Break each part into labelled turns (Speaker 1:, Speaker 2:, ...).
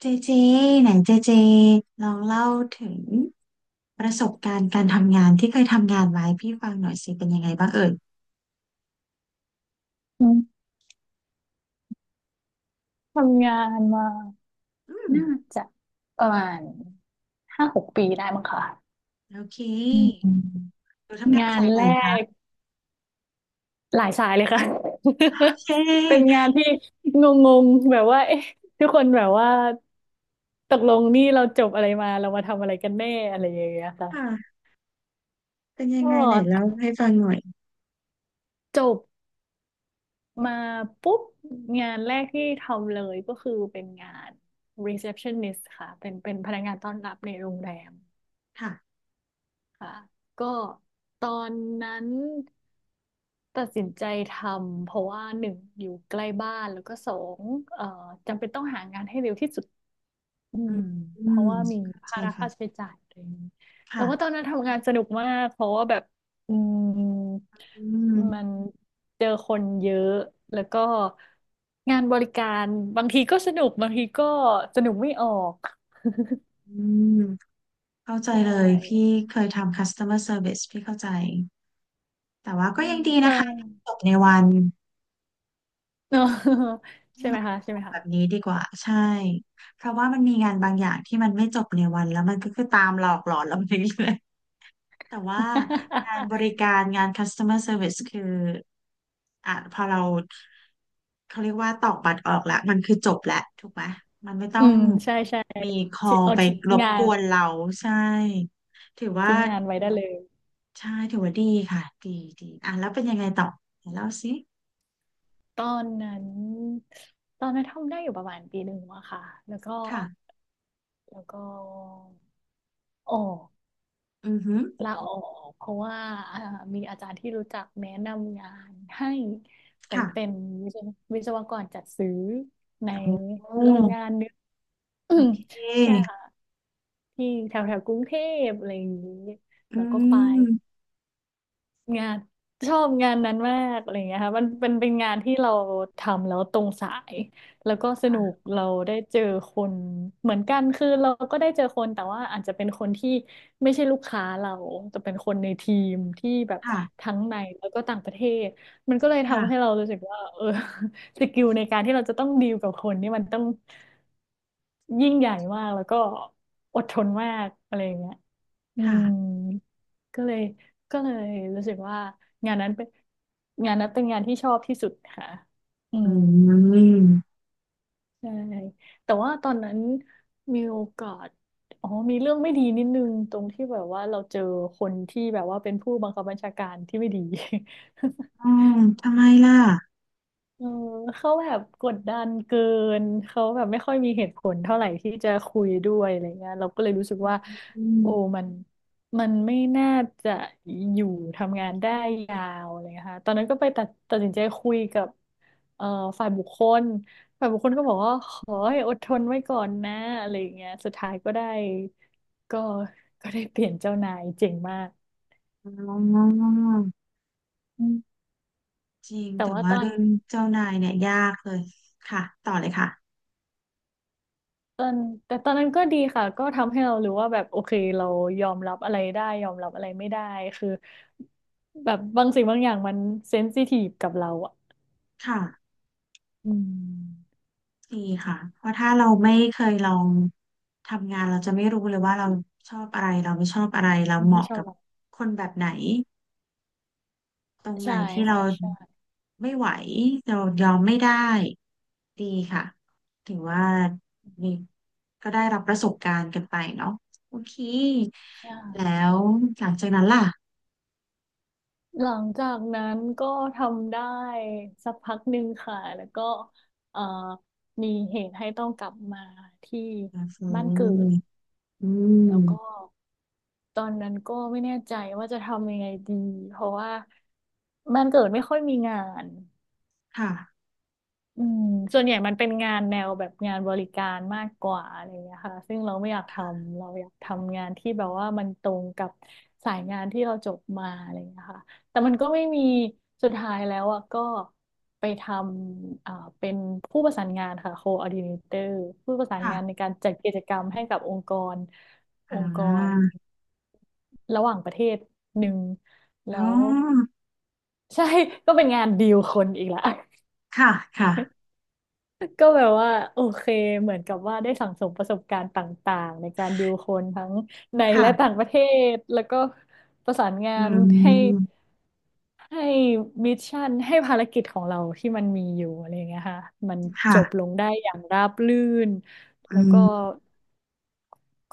Speaker 1: เจเจไหนเจเจลองเล่าถึงประสบการณ์การทำงานที่เคยทำงานไว้พี่ฟังหน่อยสิเป็นยังไงบ้างเอ่ย
Speaker 2: อืมทำงานมา
Speaker 1: อืม
Speaker 2: น่าจะประมาณ5-6 ปีได้มั้งค่ะ
Speaker 1: โอเค
Speaker 2: อืม
Speaker 1: หนูทำงาน
Speaker 2: งาน
Speaker 1: สายไหน
Speaker 2: แร
Speaker 1: คะ
Speaker 2: กหลายสายเลยค่ะ
Speaker 1: โอเ
Speaker 2: เป็น
Speaker 1: ค
Speaker 2: งานที่งงๆแบบว่าเอ๊ะทุกคนแบบว่าตกลงนี่เราจบอะไรมาเรามาทำอะไรกันแน่อะไรอย่างเงี้ยค่ะ
Speaker 1: ค่ะเป็นยัง
Speaker 2: ก็
Speaker 1: ไงไหนเล่าให้ฟังหน่อย
Speaker 2: จบมาปุ๊บงานแรกที่ทำเลยก็คือเป็นงาน receptionist ค่ะเป็นพนักงานต้อนรับในโรงแรม
Speaker 1: ค่ะ
Speaker 2: ค่ะก็ตอนนั้นตัดสินใจทำเพราะว่าหนึ่งอยู่ใกล้บ้านแล้วก็สองเอ่อจำเป็นต้องหางานให้เร็วที่สุดอื
Speaker 1: อื
Speaker 2: ม
Speaker 1: มอื
Speaker 2: เพ
Speaker 1: ม
Speaker 2: ราะว่ามี
Speaker 1: เข้าใจ
Speaker 2: ภาระค่าใช้
Speaker 1: ค่ะ
Speaker 2: จ่ายอะไรอย่างนี้แต่ว่าตอ
Speaker 1: ค่ะ
Speaker 2: นนั้นทำงานสนุกมากเพราะว่าแบบอืม
Speaker 1: อืม
Speaker 2: มันเจอคนเยอะแล้วก็งานบริการบางทีก็สนุกบางทีก็สนุกไม่ออก
Speaker 1: อืมเข้าใจ
Speaker 2: ใช
Speaker 1: เลย
Speaker 2: ่
Speaker 1: พี่เคยทำ customer service พี่เข้าใจแต่ว่า
Speaker 2: อื
Speaker 1: ก็ยั
Speaker 2: ม
Speaker 1: งดี
Speaker 2: แต่
Speaker 1: นะคะจบในวัน ให้
Speaker 2: ใช่ไหมคะ
Speaker 1: บ
Speaker 2: ใช่ไห
Speaker 1: อ
Speaker 2: ม
Speaker 1: กแบ
Speaker 2: คะ
Speaker 1: บนี้ดีกว่าใช่เพราะว่ามันมีงานบางอย่างที่มันไม่จบในวันแล้วมันก็คือตามหลอกหลอนเราไปเรื่อยๆแต่ว่างาน บริการงาน customer service คืออ่ะพอเราเขาเรียกว่าตอกบัตรออกแล้วมันคือจบแล้วถูกไหมมันไม่ต้
Speaker 2: อื
Speaker 1: อง
Speaker 2: มใช่ใช่
Speaker 1: มีคอ
Speaker 2: ที่
Speaker 1: ล
Speaker 2: เอา
Speaker 1: ไป
Speaker 2: ทิ้ง
Speaker 1: รบ
Speaker 2: งา
Speaker 1: ก
Speaker 2: น
Speaker 1: วนเราใช่ถือว่า
Speaker 2: ทิ้งงานไว้ได้เลย
Speaker 1: ใช่ถือว่าดีค่ะดีดีอ่ะแล้วเป็นยังไงต่อไหนเล่าสิ
Speaker 2: ตอนนั้นตอนนั้นทำได้อยู่ประมาณ1 ปีอะค่ะแล้วก็
Speaker 1: ค่ะ
Speaker 2: แล้วก็ออก
Speaker 1: อือฮึ
Speaker 2: ลาออกเพราะว่าอ่ามีอาจารย์ที่รู้จักแนะนำงานให้ไปเป็
Speaker 1: ค่ะ
Speaker 2: นวิศววิศวกรจัดซื้อใน
Speaker 1: โอ้
Speaker 2: โรงงานหนึง อื
Speaker 1: โอ
Speaker 2: ม
Speaker 1: เค
Speaker 2: ใช่ค่ะที่แถวแถวกรุงเทพอะไรอย่างนี้
Speaker 1: อื
Speaker 2: แล้วก็ไป
Speaker 1: ม
Speaker 2: งานชอบงานนั้นมากอะไรอย่างเงี้ยค่ะมันเป็นงานที่เราทำแล้วตรงสายแล้วก็สนุก
Speaker 1: ค่ะ
Speaker 2: เราได้เจอคนเหมือนกันคือเราก็ได้เจอคนแต่ว่าอาจจะเป็นคนที่ไม่ใช่ลูกค้าเราแต่เป็นคนในทีมที่แบบ
Speaker 1: ค่
Speaker 2: ทั้งในแล้วก็ต่างประเทศมันก็เลย
Speaker 1: ะ
Speaker 2: ทำให้เรารู้สึกว่าเออ สกิลในการที่เราจะต้องดีลกับคนนี่มันต้องยิ่งใหญ่มากแล้วก็อดทนมากอะไรอย่างเงี้ย อื
Speaker 1: ค่ะ
Speaker 2: มก็เลยก็เลยรู้สึกว่างานนั้นเป็นงานนั้นเป็นงานที่ชอบที่สุดค่ะอื
Speaker 1: อื
Speaker 2: ม
Speaker 1: ม
Speaker 2: ใช่แต่ว่าตอนนั้นมีโอกาสอ๋อมีเรื่องไม่ดีนิดนึงตรงที่แบบว่าเราเจอคนที่แบบว่าเป็นผู้บังคับบัญชาการที่ไม่ดี
Speaker 1: อืมทำไมล่ะ
Speaker 2: เออเขาแบบกดดันเกินเขาแบบไม่ค่อยมีเหตุผลเท่าไหร่ที่จะคุยด้วยอะไรเงี้ยเราก็เลยรู้สึกว่า
Speaker 1: อื
Speaker 2: โอ้
Speaker 1: ม
Speaker 2: มันมันไม่น่าจะอยู่ทำงานได้ยาวอะไรเลยค่ะตอนนั้นก็ไปตัดสินใจคุยกับเอ่อฝ่ายบุคคลฝ่ายบุคคลก็บอกว่าขอให้อดทนไว้ก่อนนะอะไรเงี้ยสุดท้ายก็ได้ก็ก็ได้เปลี่ยนเจ้านายเจ๋งมาก
Speaker 1: อ๋อ
Speaker 2: อืม
Speaker 1: จริง
Speaker 2: แต่
Speaker 1: แต่
Speaker 2: ว่า
Speaker 1: ว่า
Speaker 2: ตอน
Speaker 1: เรื่องเจ้านายเนี่ยยากเลยค่ะต่อเลยค่ะ
Speaker 2: ตอนแต่ตอนนั้นก็ดีค่ะก็ทำให้เรารู้ว่าแบบโอเคเรายอมรับอะไรได้ยอมรับอะไรไม่ได้คือแบบบางสิ่งบางอย่างมันเซนซิทีฟกับเราอ่ะ
Speaker 1: ค่ะ
Speaker 2: อืม
Speaker 1: ดีค่ะเพราะถ้าเราไม่เคยลองทำงานเราจะไม่รู้เลยว่าเราชอบอะไรเราไม่ชอบอะไรเราเห
Speaker 2: ไม่
Speaker 1: มาะ
Speaker 2: ชอ
Speaker 1: กั
Speaker 2: บ
Speaker 1: บ
Speaker 2: เรา
Speaker 1: คนแบบไหน ตรงไหน
Speaker 2: ใช่
Speaker 1: ที่เรา
Speaker 2: ค่ะใช่
Speaker 1: ไม่ไหวเรายอมไม่ได้ดีค่ะถือว่ามีก็ได้รับประสบการณ์กันไปเนาะโอเค
Speaker 2: ใช่
Speaker 1: แล้วหลังจากนั้นล่ะ
Speaker 2: หลังจากนั้นก็ทำได้สักพักหนึ่งค่ะแล้วก็เอ่อมีเหตุให้ต้องกลับมาที่
Speaker 1: ก็คื
Speaker 2: บ้านเกิ
Speaker 1: อ
Speaker 2: ด
Speaker 1: อื
Speaker 2: แล้วก็
Speaker 1: ม
Speaker 2: ตอนนั้นก็ไม่แน่ใจว่าจะทำยังไงดีเพราะว่าบ้านเกิดไม่ค่อยมีงาน
Speaker 1: ค่ะ
Speaker 2: อืมส่วนใหญ่มันเป็นงานแนวแบบงานบริการมากกว่าอะไรอย่างเงี้ยค่ะซึ่งเราไม่อยากทำเราอยากทำงานที่แบบว่ามันตรงกับสายงานที่เราจบมาอะไรอย่างเงี้ยค่ะแต่มันก็ไม่มีสุดท้ายแล้วอ่ะก็ไปทำเป็นผู้ประสานงานค่ะ coordinator ผู้ประสาน
Speaker 1: ค่ะ
Speaker 2: งานในการจัดกิจกรรมให้กับองค์กรอ
Speaker 1: อ่
Speaker 2: งค์กร
Speaker 1: า
Speaker 2: ระหว่างประเทศหนึ่ง
Speaker 1: อ๋
Speaker 2: แล้
Speaker 1: อ
Speaker 2: วใช่ ก็เป็นงานดีลคนอีกละ
Speaker 1: ค่ะค่ะ
Speaker 2: ก็แบบว่าโอเคเหมือนกับว่าได้สั่งสมประสบการณ์ต่างๆในการดีลคนทั้งในและต่า
Speaker 1: ค่ะ
Speaker 2: งประเทศแล้วก็ประสานงา
Speaker 1: อื
Speaker 2: นให้
Speaker 1: ม
Speaker 2: ให้มิชชั่นให้ภารกิจของเราที่มันมีอยู่อะไรอย่างเงี้ยค่ะมันจ
Speaker 1: ค่ะ
Speaker 2: บลงได้อย่างราบรื่น
Speaker 1: อื
Speaker 2: แล้วก็
Speaker 1: ม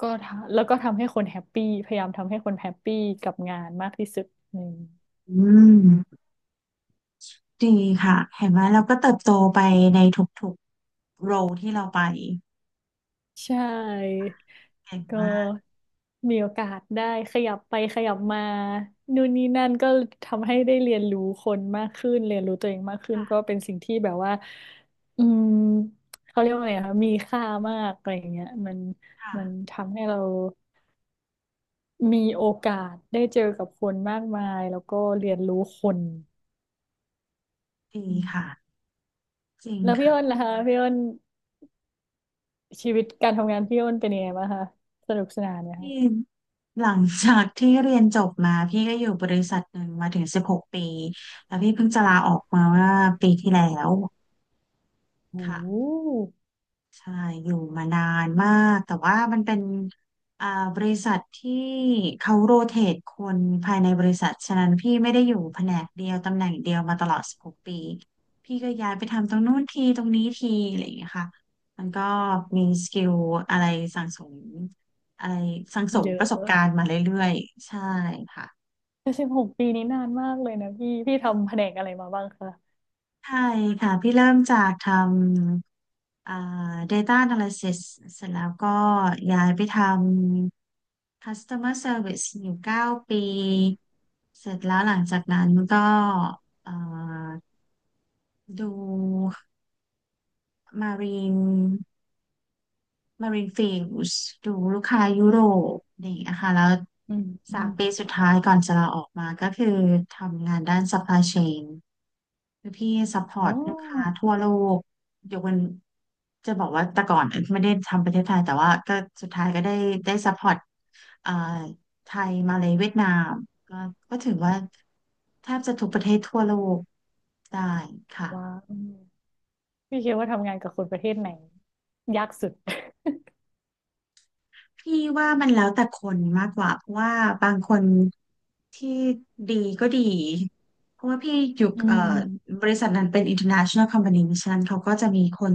Speaker 2: ก็ทำแล้วก็ทำให้คนแฮปปี้พยายามทำให้คนแฮปปี้กับงานมากที่สุดอืม
Speaker 1: อืมดีค่ะเห็นไหมเราก็เติบโตไปในทุกๆโรที่เราไป
Speaker 2: ใช่
Speaker 1: เก่ง
Speaker 2: ก็
Speaker 1: มาก
Speaker 2: มีโอกาสได้ขยับไปขยับมานู่นนี่นั่นก็ทำให้ได้เรียนรู้คนมากขึ้นเรียนรู้ตัวเองมากขึ้นก็เป็นสิ่งที่แบบว่าอืมเขาเรียกว่าไงคะมีค่ามากอะไรอย่างเงี้ย
Speaker 1: ค่ะ
Speaker 2: มันทำให้เรามีโอกาสได้เจอกับคนมากมายแล้วก็เรียนรู้คน
Speaker 1: ดี
Speaker 2: อืม
Speaker 1: ค่ะจริง
Speaker 2: แล้วพี่
Speaker 1: ค่ะ
Speaker 2: อ้นล่ะคะพี่อ้นชีวิตการทำงานพี่อ้นเป็นยังไงบ้างคะสนุกสนานไหม
Speaker 1: พี่
Speaker 2: คะ
Speaker 1: หลังจากที่เรียนจบมาพี่ก็อยู่บริษัทหนึ่งมาถึงสิบหกปีแล้วพี่เพิ่งจะลาออกมาเมื่อปีที่แล้ว
Speaker 2: โอ
Speaker 1: ค่ะ
Speaker 2: ื
Speaker 1: ใช่อยู่มานานมากแต่ว่ามันเป็นอ่าบริษัทที่เขาโรเตทคนภายในบริษัทฉะนั้นพี่ไม่ได้อยู่แผนกเดียวตำแหน่งเดียวมาตลอดสิบหกปีพี่ก็ย้ายไปทำตรงนู้นทีตรงนี้ทีอะไรอย่างเงี้ยค่ะมันก็มีสกิลอะไรสั่งสมอะไร
Speaker 2: เย
Speaker 1: ประสบ
Speaker 2: อะ
Speaker 1: การณ์มาเรื่อยๆใช่ค่ะ
Speaker 2: แต่16 ปีนี้นานมากเลยนะพี่พี่ทำแผนกอะไรมาบ้างคะ
Speaker 1: ใช่ค่ะพี่เริ่มจากทำData Analysis เสร็จแล้วก็ย้ายไปท customer service อยู่9 ปีเสร็จแล้วหลังจากนั้นก็เอ่อดู marine Marine Fields ดูลูกค้ายุโรปนี่นะคะแล้ว
Speaker 2: อืมอื
Speaker 1: สา
Speaker 2: ม
Speaker 1: มปีสุดท้ายก่อนจะลาออกมาก็คือทำงานด้าน supply chain คือพี่ซัพพอ
Speaker 2: อ๋อ
Speaker 1: ร์ตลูกค้าทั่วโลกยกเว้นจะบอกว่าแต่ก่อนไม่ได้ทำประเทศไทยแต่ว่าก็สุดท้ายก็ได้ซัพพอร์ตเอ่อไทยมาเลเวียดนามก็ก็ถือว่าแทบจะทุกประเทศทั่วโลกได้
Speaker 2: ว้า
Speaker 1: ค่ะ
Speaker 2: วพี่คิดว่าทำงานกับคนประเทศไหนยากสุด
Speaker 1: พี่ว่ามันแล้วแต่คนมากกว่าเพราะว่าบางคนที่ดีก็ดีเพราะว่าพี่อยู่
Speaker 2: อืม
Speaker 1: บริษัทนั้นเป็น international company เพราะฉะนั้นเขาก็จะมีคน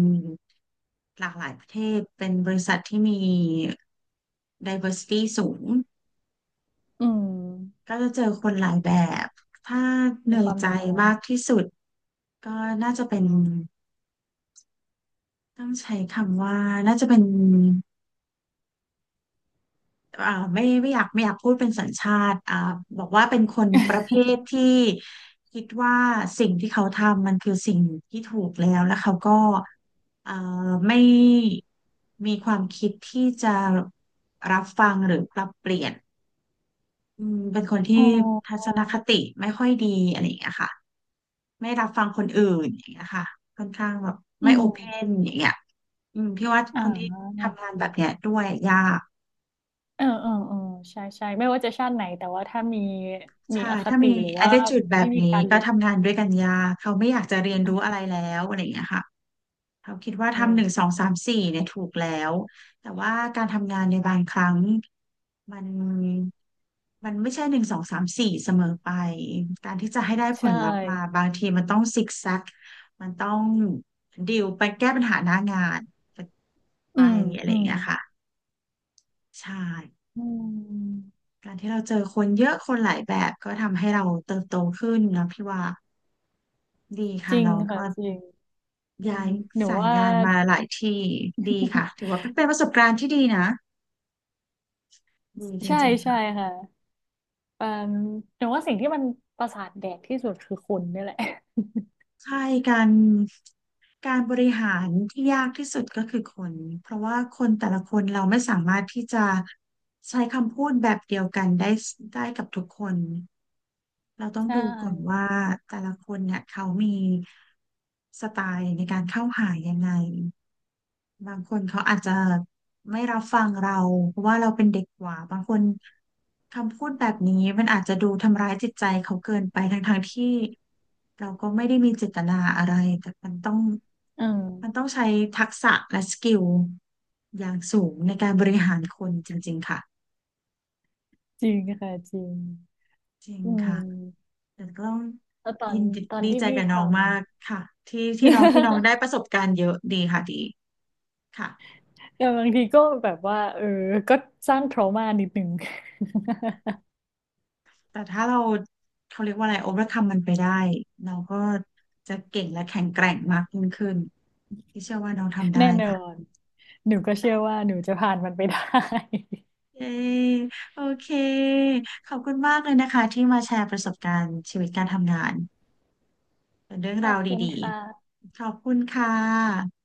Speaker 1: หลากหลายประเทศเป็นบริษัทที่มี diversity สูง
Speaker 2: อืม
Speaker 1: ก็จะเจอคนหลาย
Speaker 2: มี
Speaker 1: แบ
Speaker 2: ความ
Speaker 1: บถ้าเห
Speaker 2: มี
Speaker 1: นื่อ
Speaker 2: ค
Speaker 1: ย
Speaker 2: วาม
Speaker 1: ใจ
Speaker 2: หลากหลาย
Speaker 1: มากที่สุดก็น่าจะเป็นต้องใช้คำว่าน่าจะเป็น อ่าไม่ไม่อยากพูดเป็นสัญชาติบอกว่าเป็นคนประเภท ที่คิดว่าสิ่งที่เขาทำมันคือสิ่งที่ถูกแล้วแล้วเขาก็เอ่อไม่มีความคิดที่จะรับฟังหรือปรับเปลี่ยนอืมเป็นคนที่
Speaker 2: อ๋
Speaker 1: ทัศ
Speaker 2: อ
Speaker 1: นคติไม่ค่อยดีอะไรอย่างเงี้ยค่ะไม่รับฟังคนอื่นอย่างเงี้ยค่ะค่อนข้างแบบ
Speaker 2: อื
Speaker 1: ไม่โอ
Speaker 2: ม
Speaker 1: เพนอย่างเงี้ยอืมพี่ว่าค
Speaker 2: อ่า
Speaker 1: นที่ทำงานแบบเนี้ยด้วยยาก
Speaker 2: เออเออเออใช่ใช่ไม่ว่าจะชาติไหนแต่ว่าถ้ามี มี
Speaker 1: ใช่
Speaker 2: อค
Speaker 1: ถ้า
Speaker 2: ติ
Speaker 1: มี
Speaker 2: หรือว่า
Speaker 1: attitude แบ
Speaker 2: ไม่
Speaker 1: บ
Speaker 2: มี
Speaker 1: นี้
Speaker 2: การ
Speaker 1: ก็
Speaker 2: เรียน
Speaker 1: ทำงานด้วยกันยากเขาไม่อยากจะเรียนรู้อะไรแล้วอะไรอย่างเงี้ยค่ะ เขาคิดว่า
Speaker 2: โอ
Speaker 1: ทำหนึ่งส
Speaker 2: ้
Speaker 1: องสามสี่เนี่ยถูกแล้ว แต่ว่าการทำงานในบางครั้งมันมันไม่ใช่หนึ่งสองสามสี่เสมอไป การที่จะให้ได้ผ
Speaker 2: ใช่
Speaker 1: ลลัพธ์มาบางทีมันต้องซิกแซกมันต้องดิวไปแก้ปัญหาหน้างานไป
Speaker 2: อืม
Speaker 1: อะไร
Speaker 2: อื
Speaker 1: อย่าง
Speaker 2: ม
Speaker 1: เงี้ยค่ะ ใช่
Speaker 2: อืม
Speaker 1: การที่เราเจอคนเยอะคนหลายแบบก็ทำให้เราเติบโตขึ้นนะพี่ว่าดี
Speaker 2: จ
Speaker 1: ค่ะ
Speaker 2: ริง
Speaker 1: น้อง
Speaker 2: ค่ะ
Speaker 1: ก็
Speaker 2: จริงอื
Speaker 1: ย้า
Speaker 2: ม
Speaker 1: ย
Speaker 2: หนู
Speaker 1: สาย
Speaker 2: ว่า
Speaker 1: งานมาหลายที่ดีค่ะถือว่าเป็นประสบการณ์ที่ดีนะดีจ
Speaker 2: ใช่
Speaker 1: ริงๆ
Speaker 2: ใช่
Speaker 1: ค่ะ
Speaker 2: ค่ะเอ่มหนูว่าสิ่งที่มันประสาทแดกที่สุดคือคนนี่แหละ
Speaker 1: ใช่การการบริหารที่ยากที่สุดก็คือคนเพราะว่าคนแต่ละคนเราไม่สามารถที่จะใช้คำพูดแบบเดียวกันได้ได้กับทุกคนเราต้อ ง
Speaker 2: ใช่
Speaker 1: ดูก่อนว่าแต่ละคนเนี่ยเขามีสไตล์ในการเข้าหายังไง บางคนเขาอาจจะไม่รับฟังเราเพราะว่าเราเป็นเด็กกว่าบางคนคำพูดแบบนี้มันอาจจะดูทำร้ายจิตใจเขาเกินไปทั้งๆที่เราก็ไม่ได้มีเจตนาอะไรแต่มันต้อง
Speaker 2: อืม
Speaker 1: มันต้องใช้ทักษะและสกิลอย่างสูงในการบริหารคนจริงๆค่ะ
Speaker 2: จริงค่ะจริง
Speaker 1: จริง
Speaker 2: อื
Speaker 1: ค่ะ
Speaker 2: ม
Speaker 1: แต่ก็ต้อง
Speaker 2: แล้วตอ
Speaker 1: ยิ
Speaker 2: น
Speaker 1: นดีดี
Speaker 2: ที่
Speaker 1: ใจ
Speaker 2: พี่
Speaker 1: กับ
Speaker 2: ท
Speaker 1: น้องมากค่ะที่
Speaker 2: ำ
Speaker 1: ที่น้องที่น้อง ได้ประสบการณ์เยอะดีค่ะดีค่ะ
Speaker 2: แต่บางทีก็แบบว่าเออก็สร้าง trauma นิดหนึ่ง
Speaker 1: แต่ถ้าเราเขาเรียกว่าอะไร overcome มันไปได้ เราก็จะเก่งและแข็งแกร่งมากยิ่งขึ้น ที่เชื่อว่าน้องทำ ได้
Speaker 2: แน่นอ
Speaker 1: ค่ะ
Speaker 2: น หนูก็เชื่อว่าหนูจะผ่านมันไปได้
Speaker 1: เย้โอเค ขอบคุณมากเลยนะคะที่มาแชร์ประสบการณ์ชีวิตการทำงานเป็นเรื่อง
Speaker 2: ขอ
Speaker 1: รา
Speaker 2: บ
Speaker 1: ว
Speaker 2: คุณ
Speaker 1: ดี
Speaker 2: ค่ะ
Speaker 1: ๆ ขอบคุณค่ะ